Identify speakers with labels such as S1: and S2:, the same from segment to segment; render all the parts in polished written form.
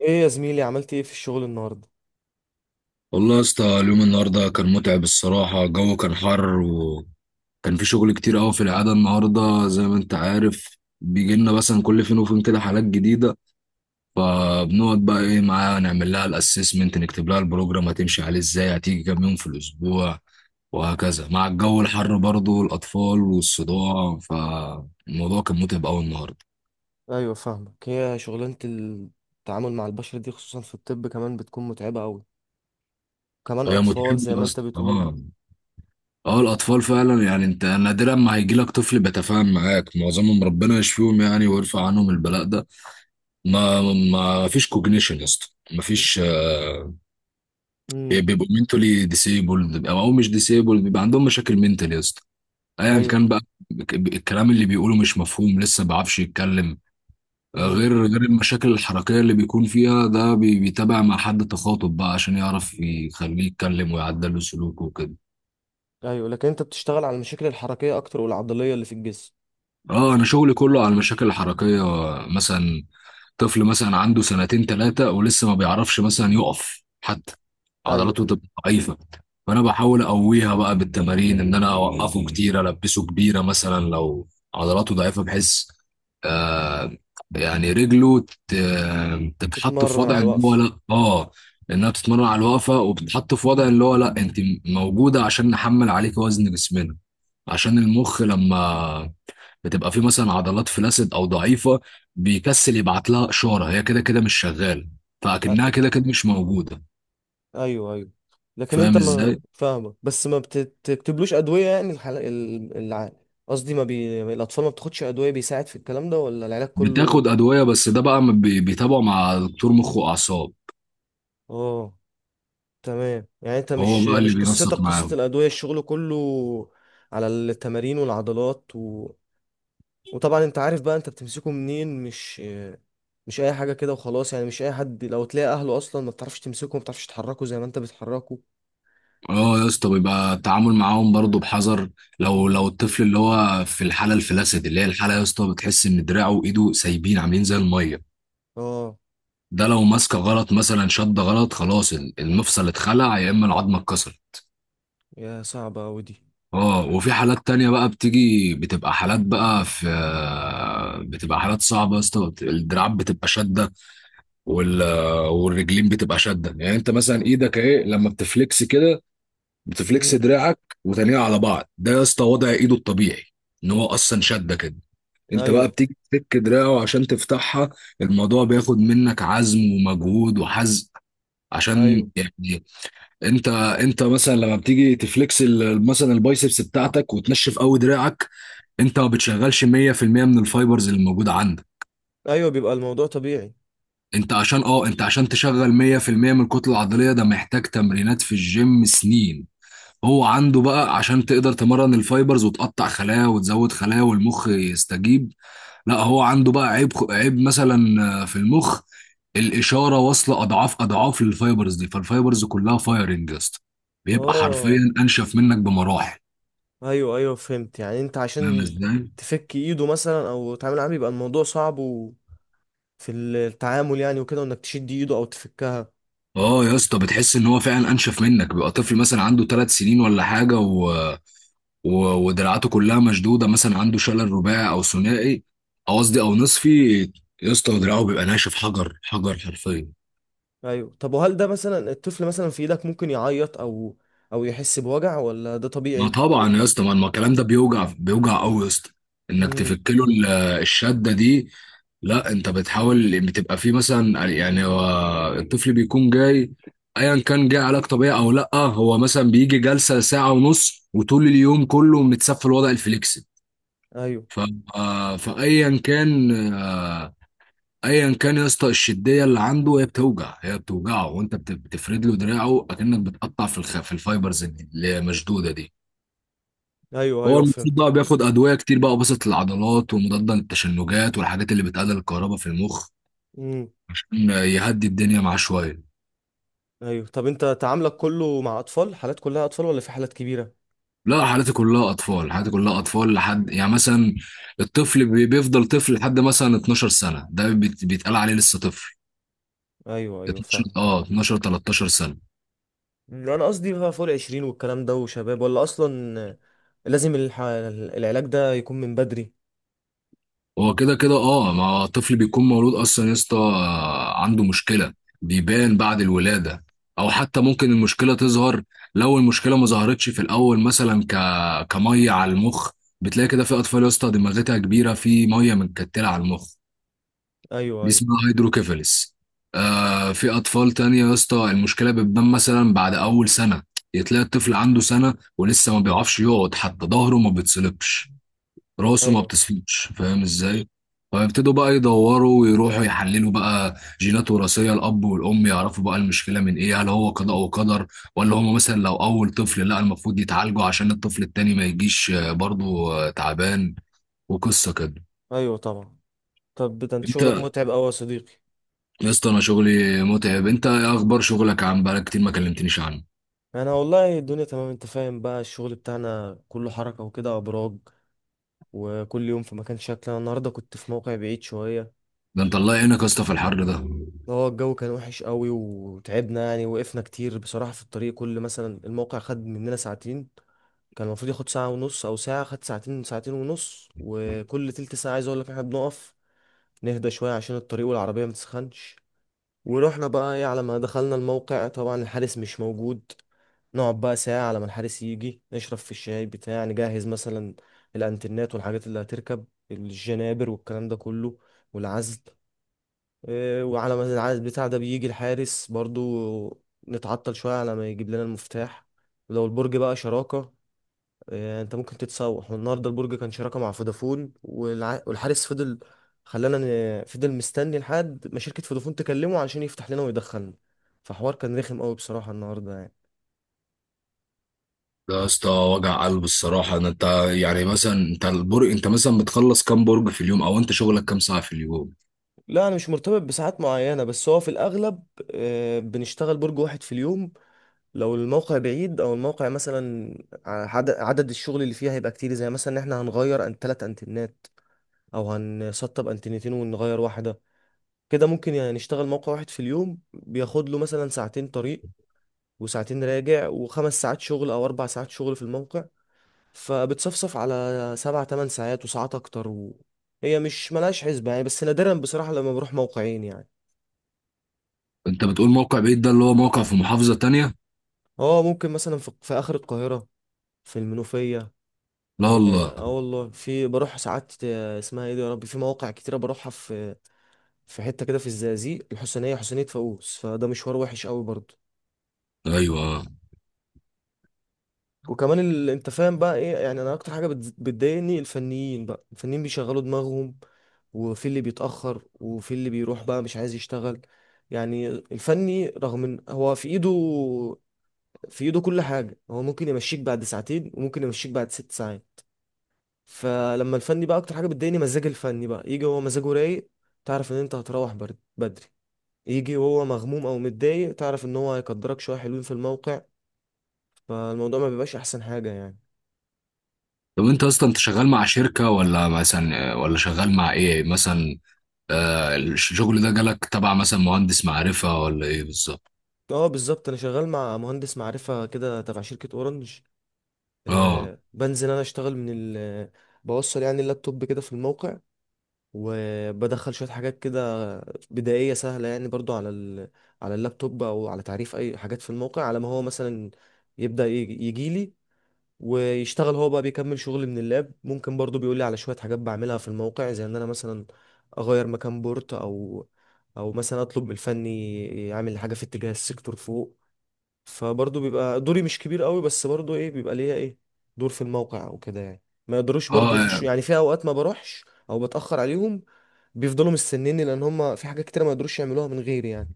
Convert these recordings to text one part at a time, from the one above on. S1: ايه يا زميلي؟ عملت ايه في الشغل النهارده؟
S2: والله يا اسطى، اليوم النهارده كان متعب الصراحة. الجو كان حر، وكان في شغل كتير قوي. في العادة النهارده زي ما انت عارف بيجي لنا مثلا كل فين وفين كده حالات جديدة، فبنقعد بقى ايه معاها، نعمل لها الاسسمنت، نكتب لها البروجرام هتمشي عليه ازاي، هتيجي كام يوم في الاسبوع، وهكذا. مع الجو الحر برضه والاطفال والصداع، فالموضوع كان متعب قوي النهارده.
S1: ايوه، فاهمك. هي شغلانه التعامل مع البشر دي خصوصا في الطب كمان بتكون متعبه قوي، كمان
S2: هي
S1: اطفال
S2: متعبة
S1: زي
S2: يا
S1: ما انت
S2: اسطى.
S1: بتقول.
S2: اه، اه، الاطفال فعلا. يعني انت نادرا ما هيجي لك طفل بيتفاهم معاك، معظمهم ربنا يشفيهم يعني ويرفع عنهم البلاء ده. ما ما فيش كوجنيشن يا اسطى. ما فيش.
S1: امم.
S2: بيبقوا منتولي ديسيبلد او مش ديسيبلد، بيبقى عندهم مشاكل منتال يا اسطى، ايا
S1: ايوه.
S2: كان بقى. الكلام اللي بيقوله مش مفهوم، لسه ما بيعرفش يتكلم.
S1: امم.
S2: غير المشاكل الحركيه اللي بيكون فيها، ده بيتابع مع حد تخاطب بقى عشان يعرف يخليه يتكلم ويعدل له سلوكه وكده.
S1: ايوه، لكن انت بتشتغل على المشاكل الحركيه اكتر والعضليه اللي في الجسم.
S2: اه، انا شغلي كله على المشاكل الحركيه. مثلا طفل مثلا عنده سنتين ثلاثة ولسه ما بيعرفش مثلا يقف حتى،
S1: ايوه،
S2: عضلاته تبقى ضعيفة. فأنا بحاول أقويها بقى بالتمارين، إن أنا أوقفه كتير، ألبسه كبيرة مثلا لو عضلاته ضعيفة بحيث آه يعني رجله ت- تتحط في
S1: تتمرن على
S2: وضع إن هو
S1: الوقف.
S2: لأ. آه، إنها بتتمرن على الوقفة، وبتتحط في وضع اللي هو لأ، أنت موجودة عشان نحمل عليك وزن جسمنا. عشان المخ لما بتبقى في مثلا عضلات فلاسد او ضعيفه، بيكسل يبعت لها اشاره، هي كده كده مش شغاله، فاكنها
S1: أ-
S2: كده كده مش موجوده.
S1: ايوه، ايوه، لكن
S2: فاهم
S1: انت ما
S2: ازاي.
S1: فاهمك، بس ما بتكتبلوش ادويه، يعني الحل قصدي ما بي... الاطفال ما بتاخدش ادويه بيساعد في الكلام ده ولا العلاج كله؟
S2: بتاخد ادويه، بس ده بقى بيتابعه مع دكتور مخ واعصاب.
S1: اه. تمام، يعني انت
S2: هو
S1: مش
S2: بقى اللي
S1: مش قصتك
S2: بينسق
S1: قصة
S2: معاهم.
S1: الأدوية، الشغل كله على التمارين والعضلات. وطبعا انت عارف بقى انت بتمسكه منين، مش اي حاجة كده وخلاص يعني، مش اي حد، لو تلاقي اهله اصلا ما بتعرفش تمسكه، ما بتعرفش تحركه زي ما انت بتحركه.
S2: اه يا اسطى، بيبقى التعامل معاهم برضه بحذر. لو
S1: مهم.
S2: لو الطفل اللي هو في الحاله الفلاسد، اللي هي الحاله يا اسطى، بتحس ان دراعه وايده سايبين عاملين زي الميه.
S1: اه،
S2: ده لو ماسكه غلط مثلا، شد غلط، خلاص المفصل اتخلع يا اما العظمه اتكسرت.
S1: يا صعبة اوي دي.
S2: اه، وفي حالات تانية بقى بتيجي، بتبقى حالات بقى في... بتبقى حالات صعبة يا اسطى، الدراعات بتبقى شادة، وال... والرجلين بتبقى شادة. يعني انت مثلا ايدك اهي، لما بتفلكس كده، بتفلكس
S1: مم.
S2: دراعك وتانية على بعض، ده يا اسطى وضع ايده الطبيعي، ان هو اصلا شادة كده. انت بقى
S1: ايوه،
S2: بتيجي تفك دراعه عشان تفتحها. الموضوع بياخد منك عزم ومجهود وحزق
S1: ايوه.
S2: عشان يعني... انت انت مثلا لما بتيجي تفلكس مثلا البايسبس بتاعتك وتنشف قوي دراعك، انت ما بتشغلش 100% من الفايبرز اللي موجوده عندك.
S1: ايوه، بيبقى الموضوع طبيعي.
S2: انت عشان اه، انت عشان تشغل 100% من الكتله العضليه، ده محتاج تمرينات في الجيم سنين. هو عنده بقى، عشان تقدر تمرن الفايبرز وتقطع خلايا وتزود خلايا والمخ يستجيب. لا، هو عنده بقى عيب، عيب مثلا في المخ. الاشاره واصله اضعاف اضعاف للفايبرز دي، فالفايبرز كلها فايرنج يا اسطى، بيبقى
S1: اه،
S2: حرفيا انشف منك بمراحل.
S1: ايوه، ايوه، فهمت. يعني انت
S2: فاهم
S1: عشان
S2: ازاي.
S1: تفك ايده مثلا او تعمل معاه، بيبقى الموضوع صعب في التعامل يعني، وكده، وانك تشد ايده او تفكها.
S2: اه يا اسطى، بتحس ان هو فعلا انشف منك. بيبقى طفل مثلا عنده 3 سنين ولا حاجه و... ودراعاته كلها مشدوده، مثلا عنده شلل رباعي او ثنائي، او قصدي او نصفي، يا اسطى دراعه بيبقى ناشف حجر حجر حرفيا.
S1: ايوه، طب وهل ده مثلا الطفل مثلا في ايدك ممكن يعيط او يحس بوجع، ولا ده
S2: ما
S1: طبيعي؟
S2: طبعا يا اسطى، ما الكلام ده بيوجع، بيوجع قوي يا اسطى، انك
S1: امم.
S2: تفك له الشده دي. لا، انت بتحاول، بتبقى فيه مثلا يعني هو الطفل بيكون جاي، ايا كان جاي علاج طبيعي او لا، هو مثلا بيجي جلسه ساعه ونص، وطول اليوم كله متسفل وضع الفليكس.
S1: ايوه،
S2: ف آه، فايا كان آه، ايا كان يا اسطى، الشديه اللي عنده هي بتوجع، هي بتوجعه، وانت بتفرد له دراعه اكنك بتقطع في في الفايبرز اللي مشدوده دي.
S1: ايوه،
S2: هو
S1: ايوه،
S2: المفروض
S1: فهمت.
S2: بقى بياخد ادويه كتير بقى، وبسط العضلات، ومضاد للتشنجات، والحاجات اللي بتقلل الكهرباء في المخ
S1: امم.
S2: عشان يهدي الدنيا معاه شويه.
S1: ايوه، طب انت تعاملك كله مع اطفال، حالات كلها اطفال ولا في حالات كبيرة؟
S2: لا، حالتي كلها اطفال، حالتي كلها اطفال لحد يعني مثلا الطفل بيفضل طفل لحد مثلا 12 سنه، ده بيتقال عليه لسه طفل.
S1: ايوه، ايوه،
S2: 12
S1: فاهم.
S2: 12 13 سنه.
S1: مم، انا قصدي بقى فوق العشرين والكلام ده وشباب، ولا اصلا لازم العلاج ده يكون من بدري؟
S2: هو كده كده اه، ما الطفل بيكون مولود اصلا يا اسطى عنده مشكله، بيبان
S1: مم.
S2: بعد الولاده. او حتى ممكن المشكله تظهر لو المشكله ما ظهرتش في الاول، مثلا كميه على المخ، بتلاقي كده في اطفال يا اسطى دماغتها كبيره، في ميه متكتله على المخ،
S1: ايوه،
S2: دي
S1: ايوه،
S2: اسمها هيدروكيفالس. آه، في اطفال تانية يا اسطى المشكله بتبان مثلا بعد اول سنه. تلاقي الطفل عنده سنه ولسه ما بيعرفش يقعد حتى، ظهره ما بيتصلبش، راسه ما
S1: ايوه،
S2: بتصفيش. فاهم ازاي. فيبتدوا بقى يدوروا ويروحوا يحللوا بقى جينات وراثيه الاب والام، يعرفوا بقى المشكله من ايه، هل هو قضاء وقدر، ولا هم مثلا لو اول طفل، لا المفروض يتعالجوا عشان الطفل التاني ما يجيش برضه تعبان وقصه كده.
S1: ايوه، طبعا. طب ده انت شغلك
S2: انت...
S1: متعب قوي يا صديقي!
S2: يا اسطى انا شغلي متعب، انت ايه اخبار شغلك؟ عن بقالك كتير ما كلمتنيش عنه.
S1: انا والله الدنيا تمام. انت فاهم بقى، الشغل بتاعنا كله حركة وكده، ابراج، وكل يوم في مكان شكل. انا النهارده كنت في موقع بعيد شوية.
S2: ده انت الله يعينك يا اسطى في الحر ده. ده
S1: هو الجو كان وحش قوي وتعبنا يعني، وقفنا كتير بصراحة في الطريق، كل مثلا الموقع خد مننا ساعتين. كان المفروض ياخد ساعة ونص او ساعة، خد ساعتين، ساعتين ونص، وكل تلت ساعة عايز اقول لك احنا بنقف نهدى شوية عشان الطريق والعربية متسخنش. ورحنا بقى ايه، على ما دخلنا الموقع طبعا الحارس مش موجود. نقعد بقى ساعة على ما الحارس يجي، نشرب في الشاي بتاع، نجهز مثلا الانترنت والحاجات اللي هتركب، الجنابر والكلام ده كله، والعزل. إيه، وعلى ما العزل بتاع ده بيجي الحارس برضو، نتعطل شوية على ما يجيب لنا المفتاح. ولو البرج بقى شراكة، انت ممكن تتسوح. والنهارده البرج كان شراكه مع فودافون والحارس فضل، خلانا، فضل مستني لحد ما شركه فودافون تكلمه عشان يفتح لنا ويدخلنا. فحوار كان رخم قوي بصراحه النهارده يعني.
S2: يا اسطى وجع قلب الصراحه ده. انت يعني مثلا، انت البرج، انت مثلا بتخلص كام برج في اليوم؟ او انت شغلك كام ساعه في اليوم؟
S1: لا، انا مش مرتبط بساعات معينه، بس هو في الاغلب بنشتغل برج واحد في اليوم. لو الموقع بعيد، او الموقع مثلا عدد الشغل اللي فيه هيبقى كتير، زي مثلا ان احنا هنغير ان ثلاث انتنات، او هنسطب انتنتين ونغير واحده. كده ممكن يعني نشتغل موقع واحد في اليوم، بياخد له مثلا ساعتين طريق وساعتين راجع وخمس ساعات شغل او 4 ساعات شغل في الموقع. فبتصفصف على سبع تمن ساعات وساعات اكتر. هي مش ملهاش حسبة يعني، بس نادرا بصراحة لما بروح موقعين يعني.
S2: انت بتقول موقع بعيد، ده اللي هو موقع في محافظة تانية؟
S1: اه، ممكن مثلا في اخر القاهرة، في المنوفية،
S2: لا
S1: اه.
S2: والله.
S1: آه والله، في بروح ساعات اسمها ايه دي يا ربي، في مواقع كتيرة بروحها، في حتة كده في الزقازيق الحسينية، حسينية فاقوس، فده مشوار وحش قوي برضه.
S2: ايوه. آه.
S1: وكمان انت فاهم بقى ايه يعني، انا اكتر حاجه بتضايقني، الفنيين بقى، الفنيين بيشغلوا دماغهم، وفي اللي بيتاخر، وفي اللي بيروح بقى مش عايز يشتغل. يعني الفني رغم ان هو في ايده كل حاجه، هو ممكن يمشيك بعد ساعتين وممكن يمشيك بعد 6 ساعات. فلما الفني بقى، اكتر حاجه بتضايقني مزاج الفني بقى، يجي هو مزاجه رايق تعرف ان انت هتروح بدري، يجي وهو مغموم او متضايق تعرف ان هو هيقدرك شويه حلوين في الموقع. فالموضوع ما بيبقاش احسن حاجه يعني.
S2: طب انت اصلا، انت شغال مع شركة ولا مثلا، ولا شغال مع ايه مثلا؟ آه، الشغل ده جالك تبع مثلا مهندس معرفة ولا ايه بالظبط؟
S1: اه، بالظبط، انا شغال مع مهندس معرفة كده تبع شركة اورنج.
S2: اه.
S1: آه، بنزل انا اشتغل من ال بوصل يعني اللابتوب كده في الموقع، وبدخل شوية حاجات كده بدائية سهلة يعني برضو على اللابتوب، او على تعريف اي حاجات في الموقع، على ما هو مثلا يبدأ يجي لي ويشتغل. هو بقى بيكمل شغل من اللاب، ممكن برضو بيقول لي على شوية حاجات بعملها في الموقع، زي ان انا مثلا اغير مكان بورت او مثلا اطلب من الفني يعمل حاجه في اتجاه السيكتور فوق. فبرضه بيبقى دوري مش كبير قوي، بس برضه ايه، بيبقى ليا ايه، دور في الموقع وكده يعني، ما يقدروش
S2: اه.
S1: برضه يخشوا، يعني في اوقات ما بروحش او بتأخر عليهم، بيفضلوا مستنيني لان هم في حاجات كتير ما يقدروش يعملوها من غيري يعني.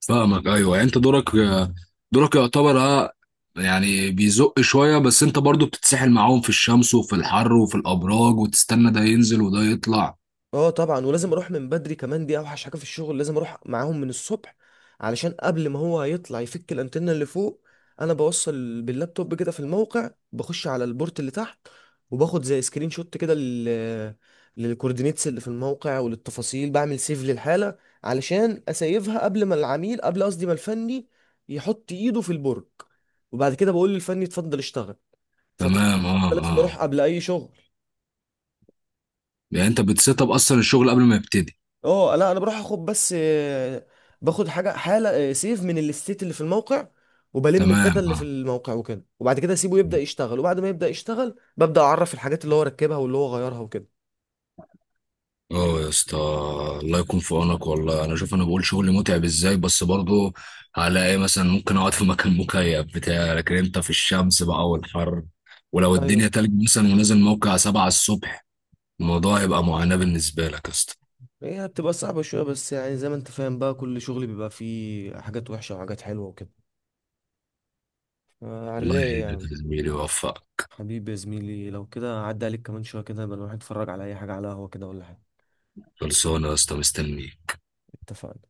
S2: فاهمك، ايوه. يعني انت دورك دورك يعتبر اه، يعني بيزق شوية. بس انت برضو بتتسحل معاهم في الشمس وفي الحر وفي الابراج، وتستنى ده ينزل وده يطلع.
S1: اه طبعا، ولازم اروح من بدري كمان، دي اوحش حاجه في الشغل، لازم اروح معاهم من الصبح، علشان قبل ما هو يطلع يفك الانتنه اللي فوق، انا بوصل باللابتوب كده في الموقع، بخش على البورت اللي تحت، وباخد زي سكرين شوت كده للكوردينيتس اللي في الموقع وللتفاصيل، بعمل سيف للحاله علشان اسيفها قبل ما العميل، قبل قصدي ما الفني يحط ايده في البرج، وبعد كده بقول للفني اتفضل اشتغل. فطبعا
S2: تمام، اه،
S1: أنا لازم
S2: اه.
S1: اروح قبل اي شغل.
S2: يعني انت بتسيت اب اصلا الشغل قبل ما يبتدي.
S1: اه لا، انا بروح اخد بس باخد حاجه، حاله سيف من الاستيت اللي في الموقع، وبلم
S2: تمام،
S1: الداتا اللي في
S2: اه،
S1: الموقع وكده، وبعد كده اسيبه يبدا يشتغل، وبعد ما يبدا يشتغل ببدا اعرف الحاجات اللي هو ركبها واللي هو غيرها وكده.
S2: اه يا اسطى، الله يكون في عونك والله. انا شوف، انا بقول شغل متعب ازاي، بس برضه هلاقي إيه، مثلا ممكن اقعد في مكان مكيف بتاع، لكن انت في الشمس بقى والحر، ولو الدنيا
S1: ايوه.
S2: تلج مثلا ونازل موقع 7 الصبح، الموضوع هيبقى معاناة بالنسبة لك يا اسطى.
S1: هي بتبقى صعبه شويه بس يعني، زي ما انت فاهم بقى، كل شغل بيبقى فيه حاجات وحشه وحاجات حلوه وكده، على
S2: الله
S1: الرايق
S2: يعينك
S1: يعني.
S2: يا زميلي ويوفقك.
S1: حبيبي يا زميلي، لو كده عدى عليك كمان شويه كده، يبقى نروح نتفرج على اي حاجه، على قهوه كده ولا حاجه.
S2: خلصانة يا اسطى، مستنيك.
S1: اتفقنا.